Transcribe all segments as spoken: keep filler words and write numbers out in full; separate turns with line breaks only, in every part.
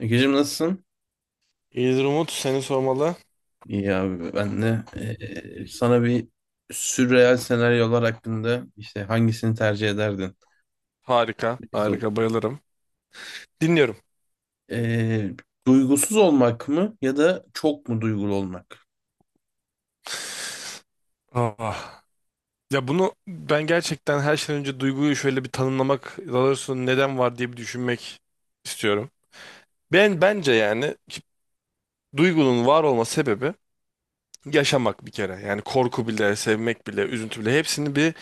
Egeciğim nasılsın?
İyidir Umut, seni sormalı.
İyi abi ben de eee, sana bir sürreal senaryolar hakkında işte hangisini tercih ederdin?
Harika,
Bir
harika bayılırım. Dinliyorum.
Eee, Duygusuz olmak mı ya da çok mu duygulu olmak?
Ah. Ya bunu ben gerçekten her şeyden önce duyguyu şöyle bir tanımlamak, daha doğrusu neden var diye bir düşünmek istiyorum. Ben bence yani ki- duygunun var olma sebebi yaşamak bir kere. Yani korku bile, sevmek bile, üzüntü bile hepsini bir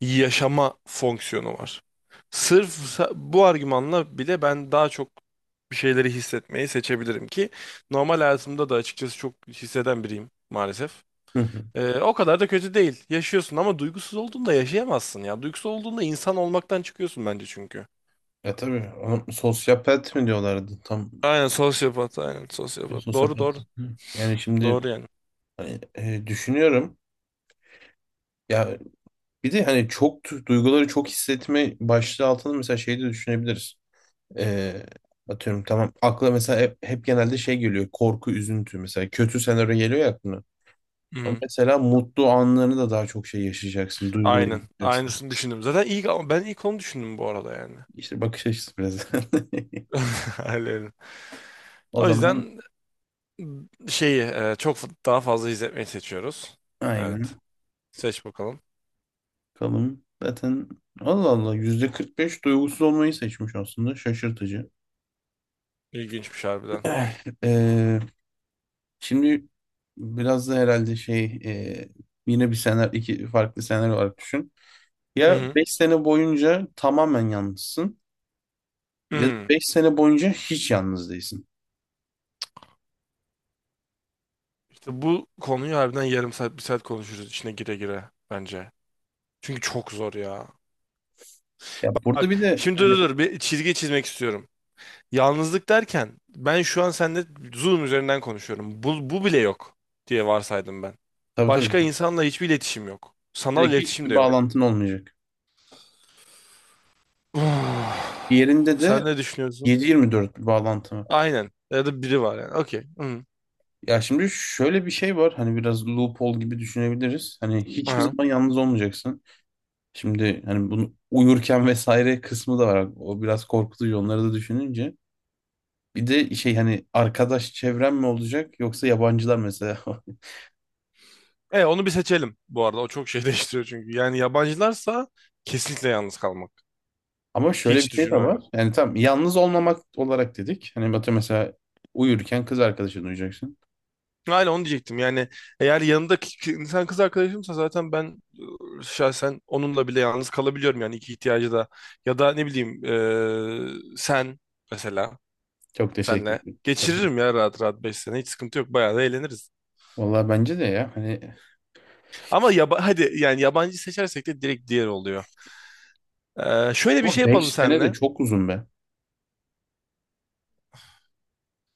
yaşama fonksiyonu var. Sırf sa- bu argümanla bile ben daha çok bir şeyleri hissetmeyi seçebilirim ki normal hayatımda da açıkçası çok hisseden biriyim maalesef.
Hı hı.
Ee, o kadar da kötü değil. Yaşıyorsun ama duygusuz olduğunda yaşayamazsın ya. Duygusuz olduğunda insan olmaktan çıkıyorsun bence çünkü.
Ya tabii ama sosyopat mı diyorlardı tam
Aynen sosyopat, aynen sosyopat. Doğru,
sosyopat.
doğru.
Hı. Yani şimdi
Doğru yani.
hani, eee, düşünüyorum ya bir de hani çok du- duyguları çok hissetme başlığı altında mesela şey de düşünebiliriz. Ee, Atıyorum tamam. Akla mesela hep, hep genelde şey geliyor. Korku, üzüntü mesela. Kötü senaryo geliyor ya aklına. Ama
Hı-hı.
mesela mutlu anlarını da daha çok şey yaşayacaksın.
Aynen.
Duygulayacaksın.
Aynısını düşündüm. Zaten ilk ben ilk onu düşündüm bu arada yani.
İşte bakış açısı biraz.
Aynen.
O
O
zaman
yüzden şeyi e, çok daha fazla izletmeyi seçiyoruz. Evet.
aynen.
Seç bakalım.
Bakalım. Zaten Allah Allah yüzde kırk beş duygusuz olmayı seçmiş aslında. Şaşırtıcı.
İlginçmiş harbiden.
Ee, Şimdi biraz da herhalde şey e, yine bir senaryo iki farklı senaryo olarak düşün.
Hı
Ya
hı.
beş sene boyunca tamamen yalnızsın. Ya da
Hı.
beş sene boyunca hiç yalnız değilsin.
İşte bu konuyu harbiden yarım saat, bir saat konuşuruz içine gire gire bence. Çünkü çok zor ya.
Ya burada
Bak
bir de
şimdi, dur
hani
dur dur, bir çizgi çizmek istiyorum. Yalnızlık derken ben şu an seninle Zoom üzerinden konuşuyorum. Bu, bu bile yok diye varsaydım ben.
tabii tabii
Başka insanla hiçbir iletişim yok. Sanal
direkt
iletişim de
hiçbir
yok.
bağlantın olmayacak.
Uf.
Diğerinde
Sen
de
ne düşünüyorsun?
yedi yirmi dört bir bağlantı var.
Aynen. Ya da biri var yani. Okey. Hı.
Ya şimdi şöyle bir şey var hani biraz loophole gibi düşünebiliriz. Hani hiçbir
Aha.
zaman yalnız olmayacaksın. Şimdi hani bunu uyurken vesaire kısmı da var. O biraz korkutucu onları da düşününce. Bir de şey hani arkadaş çevren mi olacak yoksa yabancılar mesela.
E, onu bir seçelim bu arada. O çok şey değiştiriyor çünkü. Yani yabancılarsa kesinlikle yalnız kalmak.
Ama şöyle bir
Hiç
şey de
düşünmem.
var. Yani tam yalnız olmamak olarak dedik. Hani Batu mesela uyurken kız arkadaşını uyuyacaksın.
Aynen onu diyecektim. Yani eğer yanımda ki- ki- insan kız arkadaşımsa zaten ben şahsen onunla bile yalnız kalabiliyorum yani iki ihtiyacı da. Ya da ne bileyim eee, sen mesela,
Çok teşekkür
senle
ederim. Çok
geçiririm ya rahat rahat beş sene. Hiç sıkıntı yok. Bayağı da eğleniriz.
Vallahi bence de ya hani
Ama yaba hadi yani yabancı seçersek de direkt diğer oluyor. Eee, şöyle bir şey
ama
yapalım
beş sene de
senle.
çok uzun be.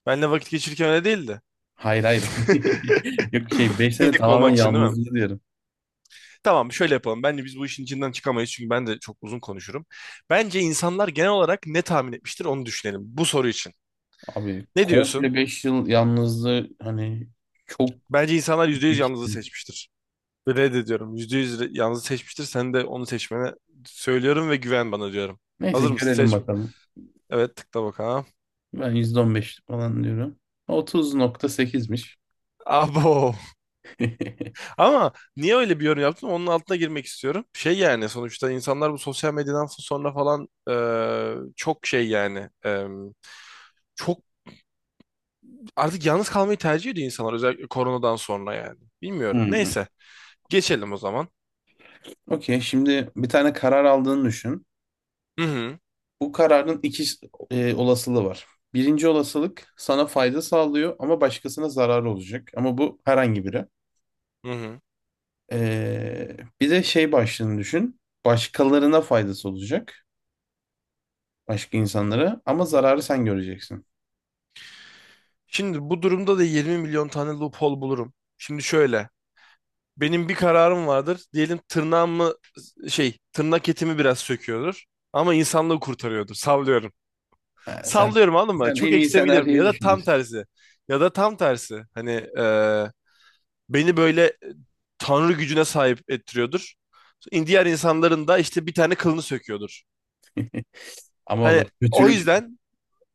Benle vakit geçirirken öyle değildi.
Hayır hayır. Yok şey beş sene
Tek
tamamen
olmak için değil mi?
yalnızlığı diyorum.
Tamam, şöyle yapalım. Bence biz bu işin içinden çıkamayız çünkü ben de çok uzun konuşurum. Bence insanlar genel olarak ne tahmin etmiştir onu düşünelim bu soru için.
Abi
Ne diyorsun?
komple beş yıl yalnızlığı hani çok
Bence insanlar yüzde
büyük
yüz
bir
yalnızlığı
kitle.
seçmiştir. Reddediyorum. Yüzde yüz yalnızı seçmiştir. Sen de onu seçmene söylüyorum ve güven bana diyorum.
Neyse
Hazır mısın?
görelim
Seç.
bakalım.
Evet, tıkla bakalım.
Ben yüzde on beş falan diyorum. otuz nokta sekizmiş.
Abo. Ama niye öyle bir yorum yaptım? Onun altına girmek istiyorum. Şey yani sonuçta insanlar bu sosyal medyadan sonra falan, eee, çok şey yani eee çok. Artık yalnız kalmayı tercih ediyor insanlar, özellikle koronadan sonra yani. Bilmiyorum.
Hmm.
Neyse. Geçelim o zaman.
Okey şimdi bir tane karar aldığını düşün.
Hı hı.
Bu kararın iki e, olasılığı var. Birinci olasılık sana fayda sağlıyor ama başkasına zarar olacak. Ama bu herhangi biri.
Hı hı.
Ee, bir de şey başlığını düşün. Başkalarına faydası olacak. Başka insanlara
Hı
ama
hı.
zararı sen göreceksin.
Şimdi bu durumda da 20 milyon tane loophole bulurum. Şimdi şöyle. Benim bir kararım vardır. Diyelim tırnağımı şey, tırnak etimi biraz söküyordur. Ama insanlığı kurtarıyordur. Sallıyorum.
Ha, sen
Sallıyorum, anladın mı?
sen
Çok
en iyi
ekstreme giderim.
senaryoyu
Ya da tam
düşünüyorsun.
tersi. Ya da tam tersi. Hani eee, beni böyle e, tanrı gücüne sahip ettiriyordur. İn- Diğer insanların da işte bir tane kılını söküyordur.
Ama o da
Hani o
kötülük.
yüzden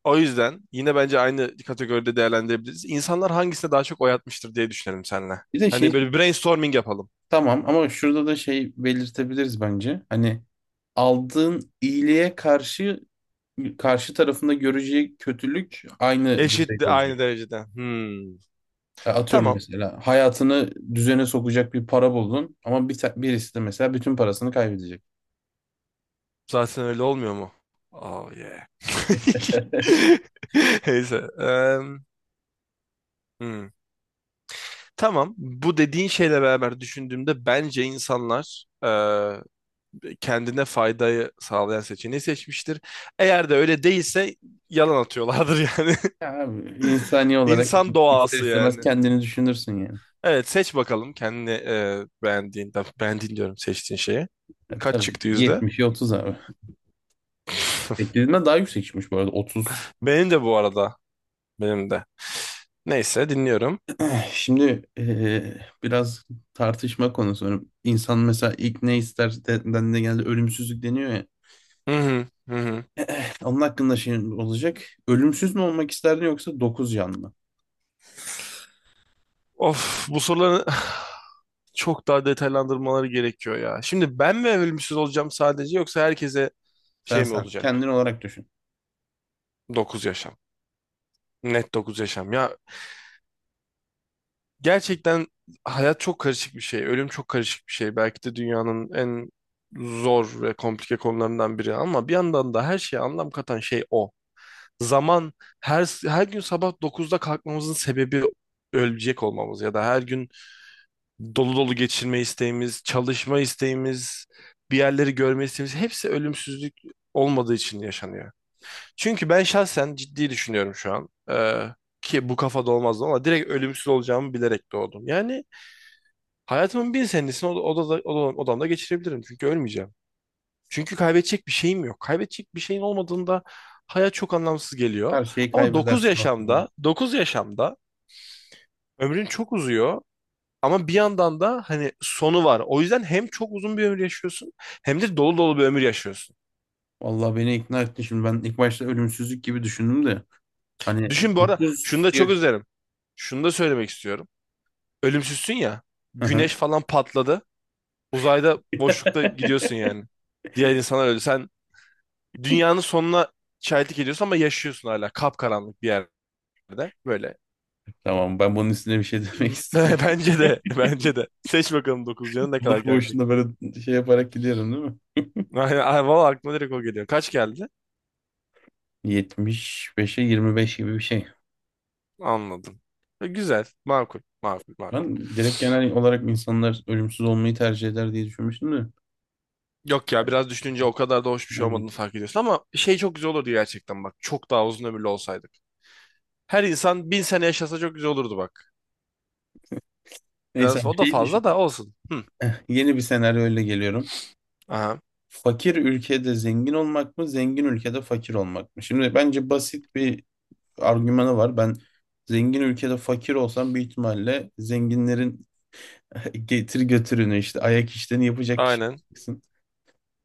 o yüzden yine bence aynı kategoride değerlendirebiliriz. İnsanlar hangisine daha çok oy atmıştır diye düşünelim seninle.
Bir de
Hani
şey
böyle bir brainstorming yapalım.
Tamam ama şurada da şey belirtebiliriz bence. Hani aldığın iyiliğe karşı karşı tarafında göreceği kötülük aynı düzeyde
Eşit de, aynı
olacak.
derecede. Hmm.
E, Atıyorum
Tamam.
mesela hayatını düzene sokacak bir para buldun ama bir ta- birisi de mesela bütün parasını kaybedecek.
Zaten öyle olmuyor mu? Oh yeah. Neyse. Em, hmm. Tamam. Bu dediğin şeyle beraber düşündüğümde bence insanlar e, kendine faydayı sağlayan seçeneği seçmiştir. Eğer de öyle değilse yalan atıyorlardır yani.
Ya abi, insani olarak
İnsan
ister
doğası
istemez
yani.
kendini düşünürsün yani.
Evet, seç bakalım kendi e, beğendiğin, beğendiğin diyorum, seçtiğin şeyi.
E,
Kaç
tabii
çıktı yüzde?
yetmişi otuz abi. Beklediğimden daha yüksek çıkmış bu arada otuz.
Benim de bu arada. Benim de. Neyse, dinliyorum.
Eh, Şimdi eh, biraz tartışma konusu. Hani İnsan mesela ilk ne ister de- dendiğinde genelde ölümsüzlük deniyor ya.
Hı hı, hı hı.
Eh, Onun hakkında şey olacak. Ölümsüz mü olmak isterdin yoksa dokuz can mı?
Of, bu soruları çok daha detaylandırmaları gerekiyor ya. Şimdi ben mi evrilmişiz olacağım sadece, yoksa herkese
Sen
şey mi
sen.
olacak?
Kendin olarak düşün.
Dokuz yaşam. Net dokuz yaşam. Ya gerçekten hayat çok karışık bir şey. Ölüm çok karışık bir şey. Belki de dünyanın en zor ve komplike konularından biri ama bir yandan da her şeye anlam katan şey o. Zaman, her her gün sabah dokuzda kalkmamızın sebebi ölecek olmamız ya da her gün dolu dolu geçirme isteğimiz, çalışma isteğimiz, bir yerleri görme isteğimiz, hepsi ölümsüzlük olmadığı için yaşanıyor. Çünkü ben şahsen ciddi düşünüyorum şu an. Ee, ki bu kafada olmazdı ama direkt ölümsüz olacağımı bilerek doğdum. Yani hayatımın bin senesini oda, odada- oda- odamda geçirebilirim. Çünkü ölmeyeceğim. Çünkü kaybedecek bir şeyim yok. Kaybedecek bir şeyin olmadığında hayat çok anlamsız geliyor.
Her şeyi
Ama dokuz
kaybedersin aslında.
yaşamda, dokuz yaşamda ömrün çok uzuyor. Ama bir yandan da hani sonu var. O yüzden hem çok uzun bir ömür yaşıyorsun hem de dolu dolu bir ömür yaşıyorsun.
Vallahi beni ikna ettin. Şimdi ben ilk başta ölümsüzlük gibi düşündüm de. Hani
Düşün bu arada şunu
dokuz
da, çok
yaş...
üzerim. Şunu da söylemek istiyorum. Ölümsüzsün ya.
Hı hı.
Güneş falan patladı. Uzayda boşlukta gidiyorsun yani. Diğer insanlar öldü. Sen dünyanın sonuna şahitlik ediyorsun ama yaşıyorsun hala, kapkaranlık bir yerde böyle.
Tamam ben bunun üstüne bir şey demek istemiyorum.
Bence de, bence de. Seç bakalım dokuz canın ne kadar
Bunlar
gelecek.
boşuna böyle şey yaparak gidiyorum değil mi?
Aynen, ay, valla aklıma direkt o geliyor. Kaç geldi?
yetmiş beşe yirmi beş gibi bir şey.
Anladım. E, Güzel, makul, makul, makul.
Ben direkt genel olarak insanlar ölümsüz olmayı tercih eder diye düşünmüştüm de.
Yok ya, biraz düşününce o kadar da hoş bir şey
Aynen.
olmadığını fark ediyorsun ama şey çok güzel olurdu gerçekten bak. Çok daha uzun ömürlü olsaydık. Her insan bin sene yaşasa çok güzel olurdu bak.
Neyse
Biraz
bir
o da
şey
fazla
düşün.
da olsun. Hı.
Eh, Yeni bir senaryo öyle geliyorum.
Aha.
Fakir ülkede zengin olmak mı, zengin ülkede fakir olmak mı? Şimdi bence basit bir argümanı var. Ben zengin ülkede fakir olsam büyük ihtimalle zenginlerin getir götürünü işte ayak işlerini yapacak kişi
Aynen.
olacaksın.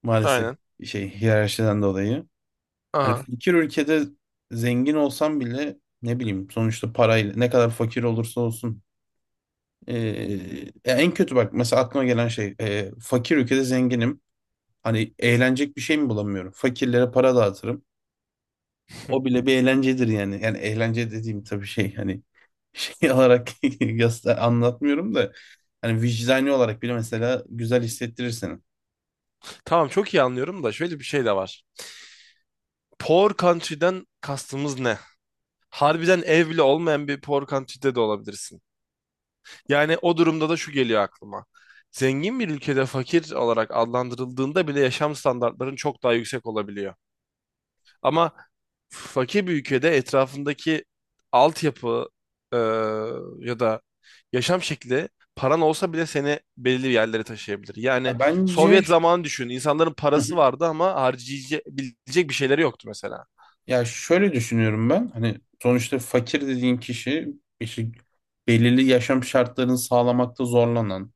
Maalesef
Aynen.
şey hiyerarşiden dolayı. Hani
Aha.
fakir ülkede zengin olsam bile ne bileyim sonuçta parayla ne kadar fakir olursa olsun. Ee, Ya en kötü bak mesela aklıma gelen şey e, fakir ülkede zenginim. Hani eğlenecek bir şey mi bulamıyorum? Fakirlere para dağıtırım. O bile bir eğlencedir yani. Yani eğlence dediğim tabii şey hani şey olarak yasta- anlatmıyorum da hani vicdani olarak bile mesela güzel hissettirir seni.
Tamam, çok iyi anlıyorum da şöyle bir şey de var. Poor country'den kastımız ne? Harbiden ev bile olmayan bir poor country'de de olabilirsin. Yani o durumda da şu geliyor aklıma. Zengin bir ülkede fakir olarak adlandırıldığında bile yaşam standartların çok daha yüksek olabiliyor. Ama fakir bir ülkede etrafındaki altyapı e, ya da yaşam şekli, paran olsa bile seni belirli yerlere taşıyabilir.
Ya
Yani
bence.
Sovyet zamanı düşün. İnsanların
Hı hı.
parası vardı ama harcayabilecek bir şeyleri yoktu mesela.
Ya şöyle düşünüyorum ben. Hani sonuçta fakir dediğin kişi işte belirli yaşam şartlarını sağlamakta zorlanan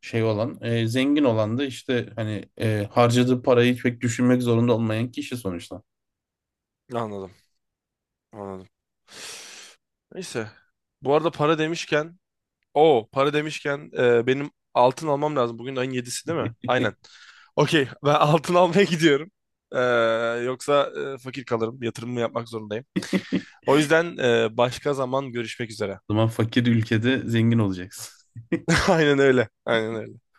şey olan e, zengin olan da işte hani e, harcadığı parayı pek düşünmek zorunda olmayan kişi sonuçta.
Anladım. Anladım. Neyse. Bu arada para demişken, o para demişken e, benim altın almam lazım. Bugün ayın yedisi değil mi? Aynen. Okey, ben altın almaya gidiyorum. E, Yoksa e, fakir kalırım. Yatırımımı yapmak zorundayım. O yüzden e, başka zaman görüşmek üzere.
O zaman fakir ülkede zengin olacaksın.
Aynen öyle. Aynen öyle.